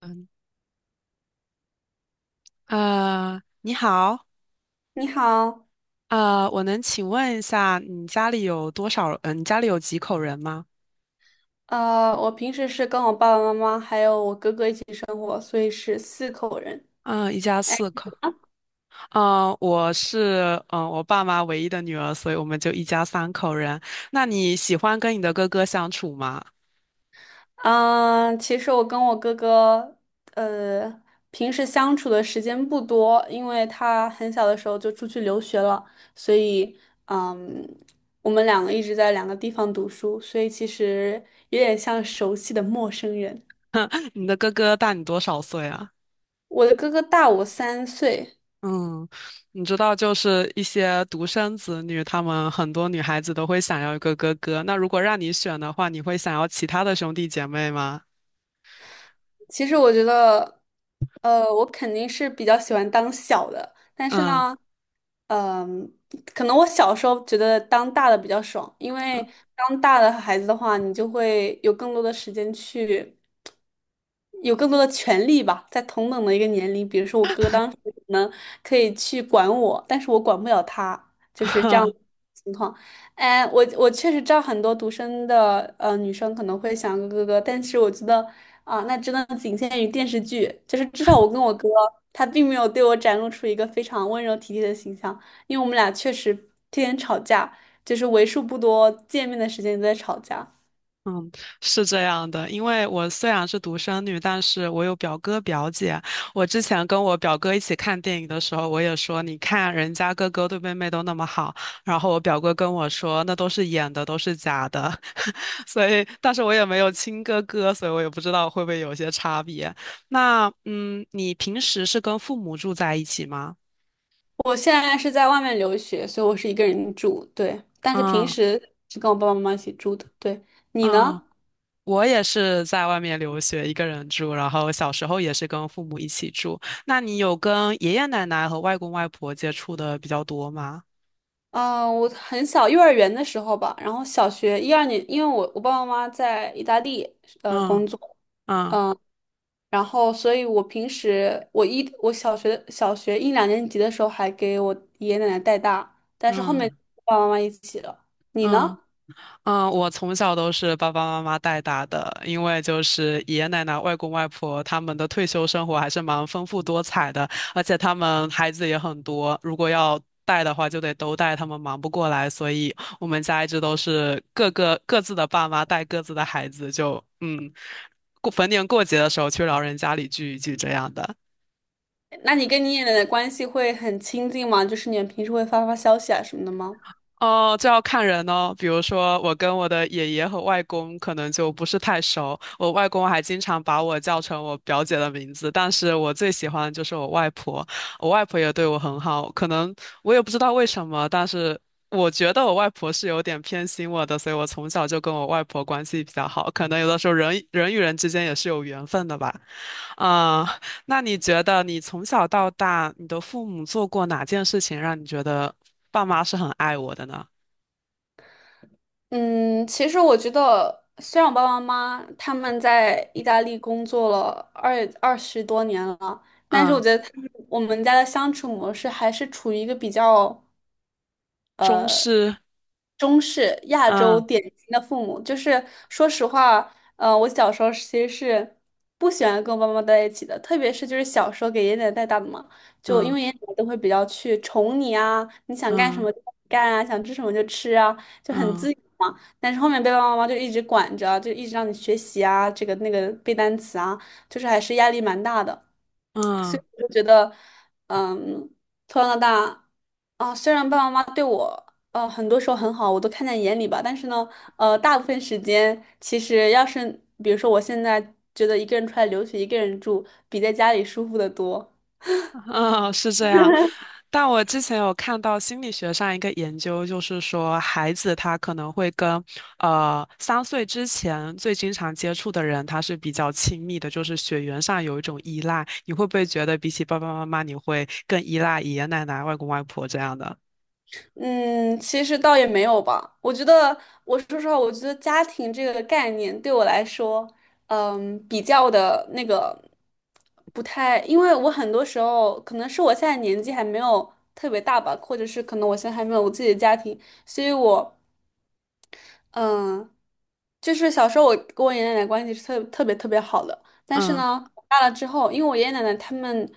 嗯，啊，你好，你好。啊，我能请问一下，你家里有多少？你家里有几口人吗？我平时是跟我爸爸妈妈还有我哥哥一起生活，所以是四口人。嗯、一家哎，四口。我是我爸妈唯一的女儿，所以我们就一家三口人。那你喜欢跟你的哥哥相处吗？其实我跟我哥哥，呃，平时相处的时间不多，因为他很小的时候就出去留学了，所以，嗯，我们两个一直在两个地方读书，所以其实有点像熟悉的陌生人。你的哥哥大你多少岁啊？我的哥哥大我三岁。嗯，你知道，就是一些独生子女，他们很多女孩子都会想要一个哥哥。那如果让你选的话，你会想要其他的兄弟姐妹吗？其实我觉得，我肯定是比较喜欢当小的。但是嗯。呢，呃，可能我小时候觉得当大的比较爽，因为当大的孩子的话，你就会有更多的时间去，有更多的权利吧。在同等的一个年龄，比如说我哥当时可能可以去管我，但是我管不了他，就是这样。哎，我确实知道很多独生的女生可能会想哥哥哥，但是我觉得啊、那真的仅限于电视剧。就是至少我跟我哥，他并没有对我展露出一个非常温柔体贴的形象，因为我们俩确实天天吵架，就是为数不多见面的时间都在吵架。嗯，是这样的，因为我虽然是独生女，但是我有表哥表姐。我之前跟我表哥一起看电影的时候，我也说，你看人家哥哥对妹妹都那么好，然后我表哥跟我说，那都是演的，都是假的。所以，但是我也没有亲哥哥，所以我也不知道会不会有些差别。那，你平时是跟父母住在一起吗？我现在是在外面留学，所以我是一个人住，对，但是平嗯时是跟我爸爸妈妈一起住的，对。你嗯。呢？我也是在外面留学，一个人住，然后小时候也是跟父母一起住。那你有跟爷爷奶奶和外公外婆接触的比较多吗？嗯，我很小，幼儿园的时候吧，然后小学一二年，因为我爸爸妈妈在意大利工嗯作，嗯然后所以我平时我一我小学小学一两年级的时候还给我爷爷奶奶带大，但是后面嗯爸爸妈妈一起了。你嗯呢？嗯，我从小都是爸爸妈妈带大的，因为就是爷爷奶奶、外公外婆他们的退休生活还是蛮丰富多彩的，而且他们孩子也很多，如果要带的话就得都带，他们忙不过来，所以我们家一直都是各个各自的爸妈带各自的孩子，就过逢年过节的时候去老人家里聚一聚这样的。那你跟你爷爷奶奶关系会很亲近吗？就是你们平时会发发消息啊什么的吗？哦，这要看人哦。比如说，我跟我的爷爷和外公可能就不是太熟。我外公还经常把我叫成我表姐的名字，但是我最喜欢的就是我外婆。我外婆也对我很好，可能我也不知道为什么，但是我觉得我外婆是有点偏心我的，所以我从小就跟我外婆关系比较好。可能有的时候人与人之间也是有缘分的吧。啊、那你觉得你从小到大，你的父母做过哪件事情让你觉得爸妈是很爱我的呢？嗯，其实我觉得，虽然我爸爸妈妈他们在意大利工作了二十多年了，但是我嗯，觉得他们我们家的相处模式还是处于一个比较中式，中式亚洲嗯典型的父母。就是说实话，我小时候其实是不喜欢跟我爸妈在一起的，特别是就是小时候给爷爷奶奶带大的嘛。就因嗯为爷爷奶奶都会比较去宠你啊，你想干什嗯么就干啊，想吃什么就吃啊，就很嗯自由嘛。但是后面被爸爸妈妈就一直管着，就一直让你学习啊，这个那个背单词啊，就是还是压力蛮大的。所嗯以我就觉得，嗯，从小到大，啊，虽然爸爸妈妈对我，很多时候很好，我都看在眼里吧。但是呢，大部分时间其实要是，比如说我现在觉得一个人出来留学，一个人住，比在家里舒服的多。嗯，哦是这样。但我之前有看到心理学上一个研究，就是说孩子他可能会跟3岁之前最经常接触的人，他是比较亲密的，就是血缘上有一种依赖。你会不会觉得比起爸爸妈妈，你会更依赖爷爷奶奶、外公外婆这样的？嗯，其实倒也没有吧。我觉得，我说实话，我觉得家庭这个概念对我来说，嗯，比较的那个不太。因为我很多时候可能是我现在年纪还没有特别大吧，或者是可能我现在还没有我自己的家庭，所以我。嗯，就是小时候我跟我爷爷奶奶关系是特别特别好的。但是嗯呢，我大了之后，因为我爷爷奶奶他们，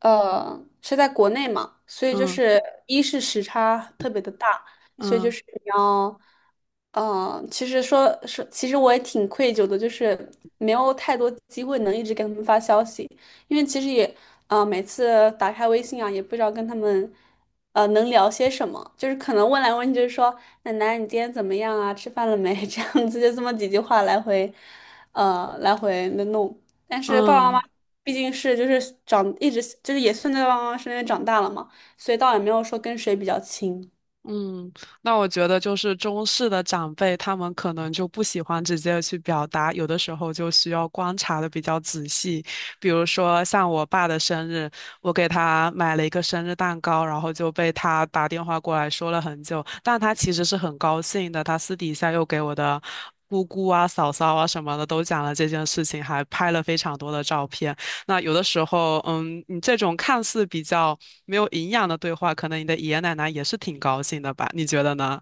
是在国内嘛，所以就嗯是时差特别的大，所以就嗯是你要，嗯、其实说，其实我也挺愧疚的，就是没有太多机会能一直给他们发消息。因为其实也，每次打开微信啊，也不知道跟他们，能聊些什么。就是可能问来问去，就是说，奶奶你今天怎么样啊？吃饭了没？这样子就这么几句话来回，来回的弄。但是爸爸妈嗯妈毕竟是就是一直就是也算在爸爸妈妈身边长大了嘛，所以倒也没有说跟谁比较亲。嗯，那我觉得就是中式的长辈，他们可能就不喜欢直接去表达，有的时候就需要观察的比较仔细。比如说像我爸的生日，我给他买了一个生日蛋糕，然后就被他打电话过来说了很久，但他其实是很高兴的，他私底下又给我的。姑姑啊、嫂嫂啊什么的都讲了这件事情，还拍了非常多的照片。那有的时候，你这种看似比较没有营养的对话，可能你的爷爷奶奶也是挺高兴的吧？你觉得呢？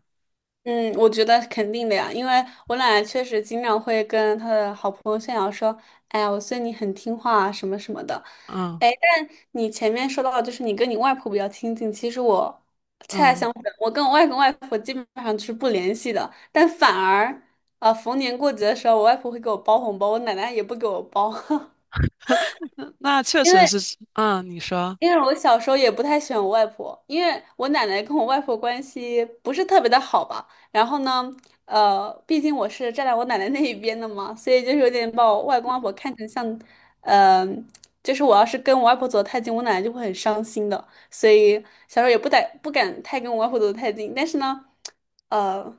嗯，我觉得肯定的呀，因为我奶奶确实经常会跟她的好朋友炫耀说：“哎呀，我孙女很听话啊，什么什么的。”嗯哎，但你前面说到，就是你跟你外婆比较亲近，其实我恰恰嗯，相反，我跟我外公外婆基本上就是不联系的。但反而，逢年过节的时候，我外婆会给我包红包，我奶奶也不给我包。那确因实为是，嗯，你说，我小时候也不太喜欢我外婆，因为我奶奶跟我外婆关系不是特别的好吧。然后呢，毕竟我是站在我奶奶那一边的嘛，所以就是有点把我外公外婆看成像，呃，就是我要是跟我外婆走得太近，我奶奶就会很伤心的。所以小时候也不敢太跟我外婆走得太近。但是呢，呃。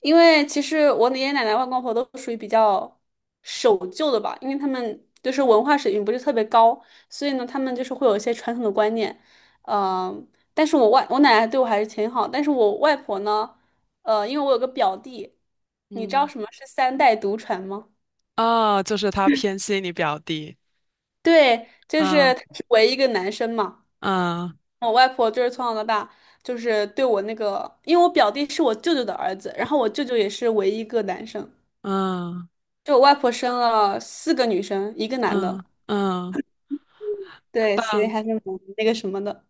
因为其实我爷爷奶奶、外公外婆都属于比较守旧的吧，因为他们就是文化水平不是特别高。所以呢，他们就是会有一些传统的观念。嗯、但是我奶奶对我还是挺好，但是我外婆呢，因为我有个表弟。你知道嗯，什么是三代独传吗？哦，就是他偏心你表弟，对，就是他嗯是唯一一个男生嘛。嗯我外婆就是从小到大就是对我那个，因为我表弟是我舅舅的儿子，然后我舅舅也是唯一一个男生，嗯就我外婆生了四个女生，一个男嗯的。嗯嗯，对，所以还是蛮那个什么的。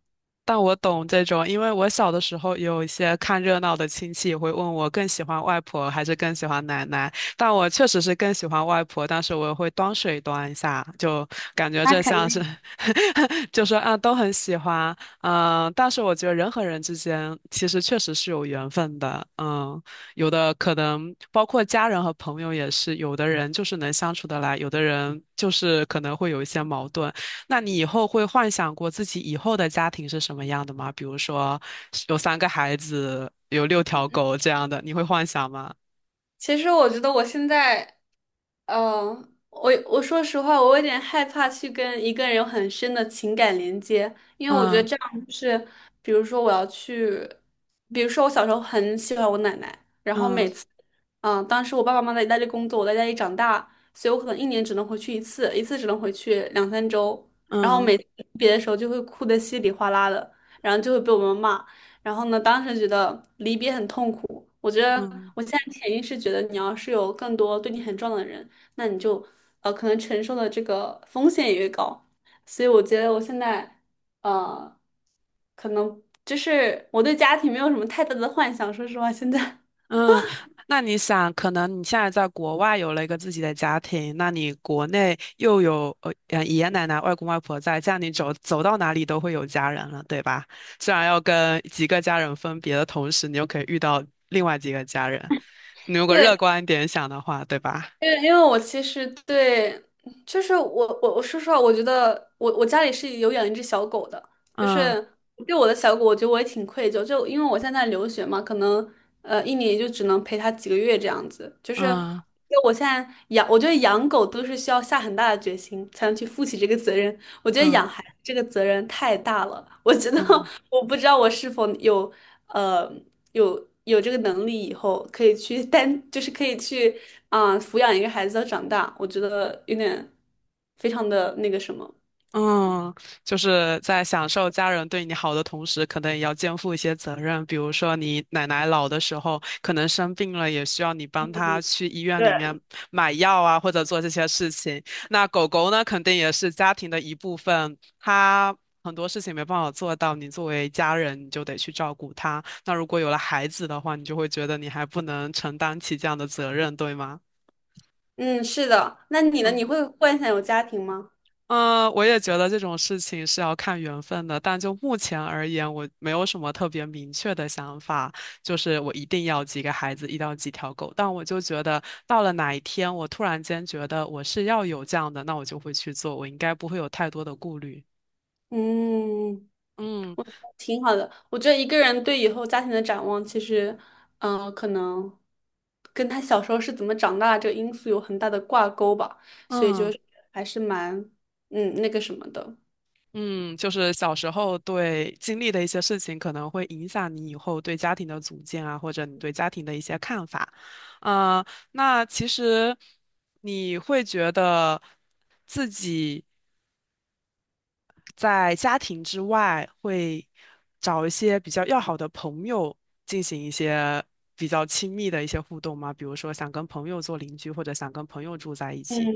但我懂这种，因为我小的时候有一些看热闹的亲戚也会问我更喜欢外婆还是更喜欢奶奶，但我确实是更喜欢外婆，但是我会端水端一下，就感觉那这肯像是 定。就说啊都很喜欢，嗯，但是我觉得人和人之间其实确实是有缘分的，嗯，有的可能包括家人和朋友也是，有的人就是能相处得来，有的人就是可能会有一些矛盾。那你以后会幻想过自己以后的家庭是什么样的吗？比如说有三个孩子，有六条狗这样的，你会幻想吗？其实我觉得我现在嗯，我说实话，我有点害怕去跟一个人有很深的情感连接。因为我觉得嗯这样就是，比如说我要去，比如说我小时候很喜欢我奶奶，然后每嗯次，嗯，当时我爸爸妈妈在意大利工作，我在家里长大，所以我可能一年只能回去一次，一次只能回去两三周，然后嗯每次离别的时候就会哭得稀里哗啦的，然后就会被我们骂。然后呢，当时觉得离别很痛苦。我觉得嗯我现在潜意识觉得你要是有更多对你很重要的人，那你就可能承受的这个风险也越高。所以我觉得我现在呃可能就是我对家庭没有什么太大的幻想，说实话，现在 嗯。那你想，可能你现在在国外有了一个自己的家庭，那你国内又有爷爷奶奶、外公外婆在，这样你走到哪里都会有家人了，对吧？虽然要跟几个家人分别的同时，你又可以遇到另外几个家人，你如 果乐对，观一点想的话，对吧？因为我其实对，就是我我说实话，我觉得我家里是有养一只小狗的。就嗯。是对我的小狗，我觉得我也挺愧疚，就因为我现在留学嘛，可能一年也就只能陪它几个月这样子。就是嗯就我现在养，我觉得养狗都是需要下很大的决心才能去负起这个责任。我觉得嗯养孩子这个责任太大了，我觉得 嗯 我不知道我是否有呃有这个能力，以后可以去单就是可以去啊、抚养一个孩子到长大，我觉得有点非常的那个什么。嗯，就是在享受家人对你好的同时，可能也要肩负一些责任。比如说，你奶奶老的时候，可能生病了，也需要你帮她去医院里对。面买药啊，或者做这些事情。那狗狗呢，肯定也是家庭的一部分，它很多事情没办法做到，你作为家人，你就得去照顾它。那如果有了孩子的话，你就会觉得你还不能承担起这样的责任，对吗？嗯，是的。那你呢？嗯。你会幻想有家庭吗？嗯，我也觉得这种事情是要看缘分的，但就目前而言，我没有什么特别明确的想法，就是我一定要几个孩子，一到几条狗。但我就觉得，到了哪一天，我突然间觉得我是要有这样的，那我就会去做，我应该不会有太多的顾虑。嗯，嗯我觉得挺好的。我觉得一个人对以后家庭的展望，其实，嗯、可能跟他小时候是怎么长大这个因素有很大的挂钩吧。所以就嗯。是还是蛮，嗯，那个什么的。嗯，就是小时候对经历的一些事情，可能会影响你以后对家庭的组建啊，或者你对家庭的一些看法。呃，那其实你会觉得自己在家庭之外，会找一些比较要好的朋友进行一些比较亲密的一些互动吗？比如说想跟朋友做邻居，或者想跟朋友住在一起。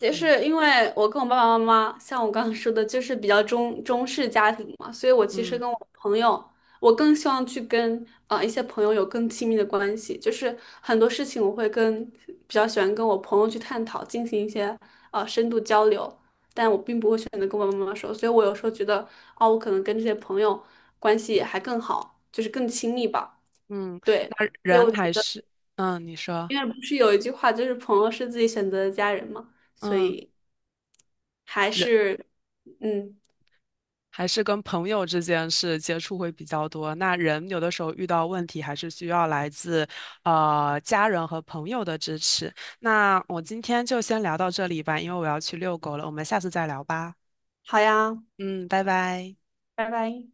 也嗯是因为我跟我爸爸妈妈，像我刚刚说的，就是比较中式家庭嘛，所以我其实嗯跟我朋友，我更希望去跟啊一些朋友有更亲密的关系。就是很多事情我会跟比较喜欢跟我朋友去探讨，进行一些深度交流。但我并不会选择跟我爸爸妈妈说，所以我有时候觉得，哦，我可能跟这些朋友关系还更好，就是更亲密吧，嗯，对。那所以人我觉还得，是嗯，你说因为不是有一句话就是朋友是自己选择的家人嘛，所嗯。以。还人。是，嗯，还是跟朋友之间是接触会比较多。那人有的时候遇到问题，还是需要来自家人和朋友的支持。那我今天就先聊到这里吧，因为我要去遛狗了。我们下次再聊吧。好呀，嗯，拜拜。拜拜。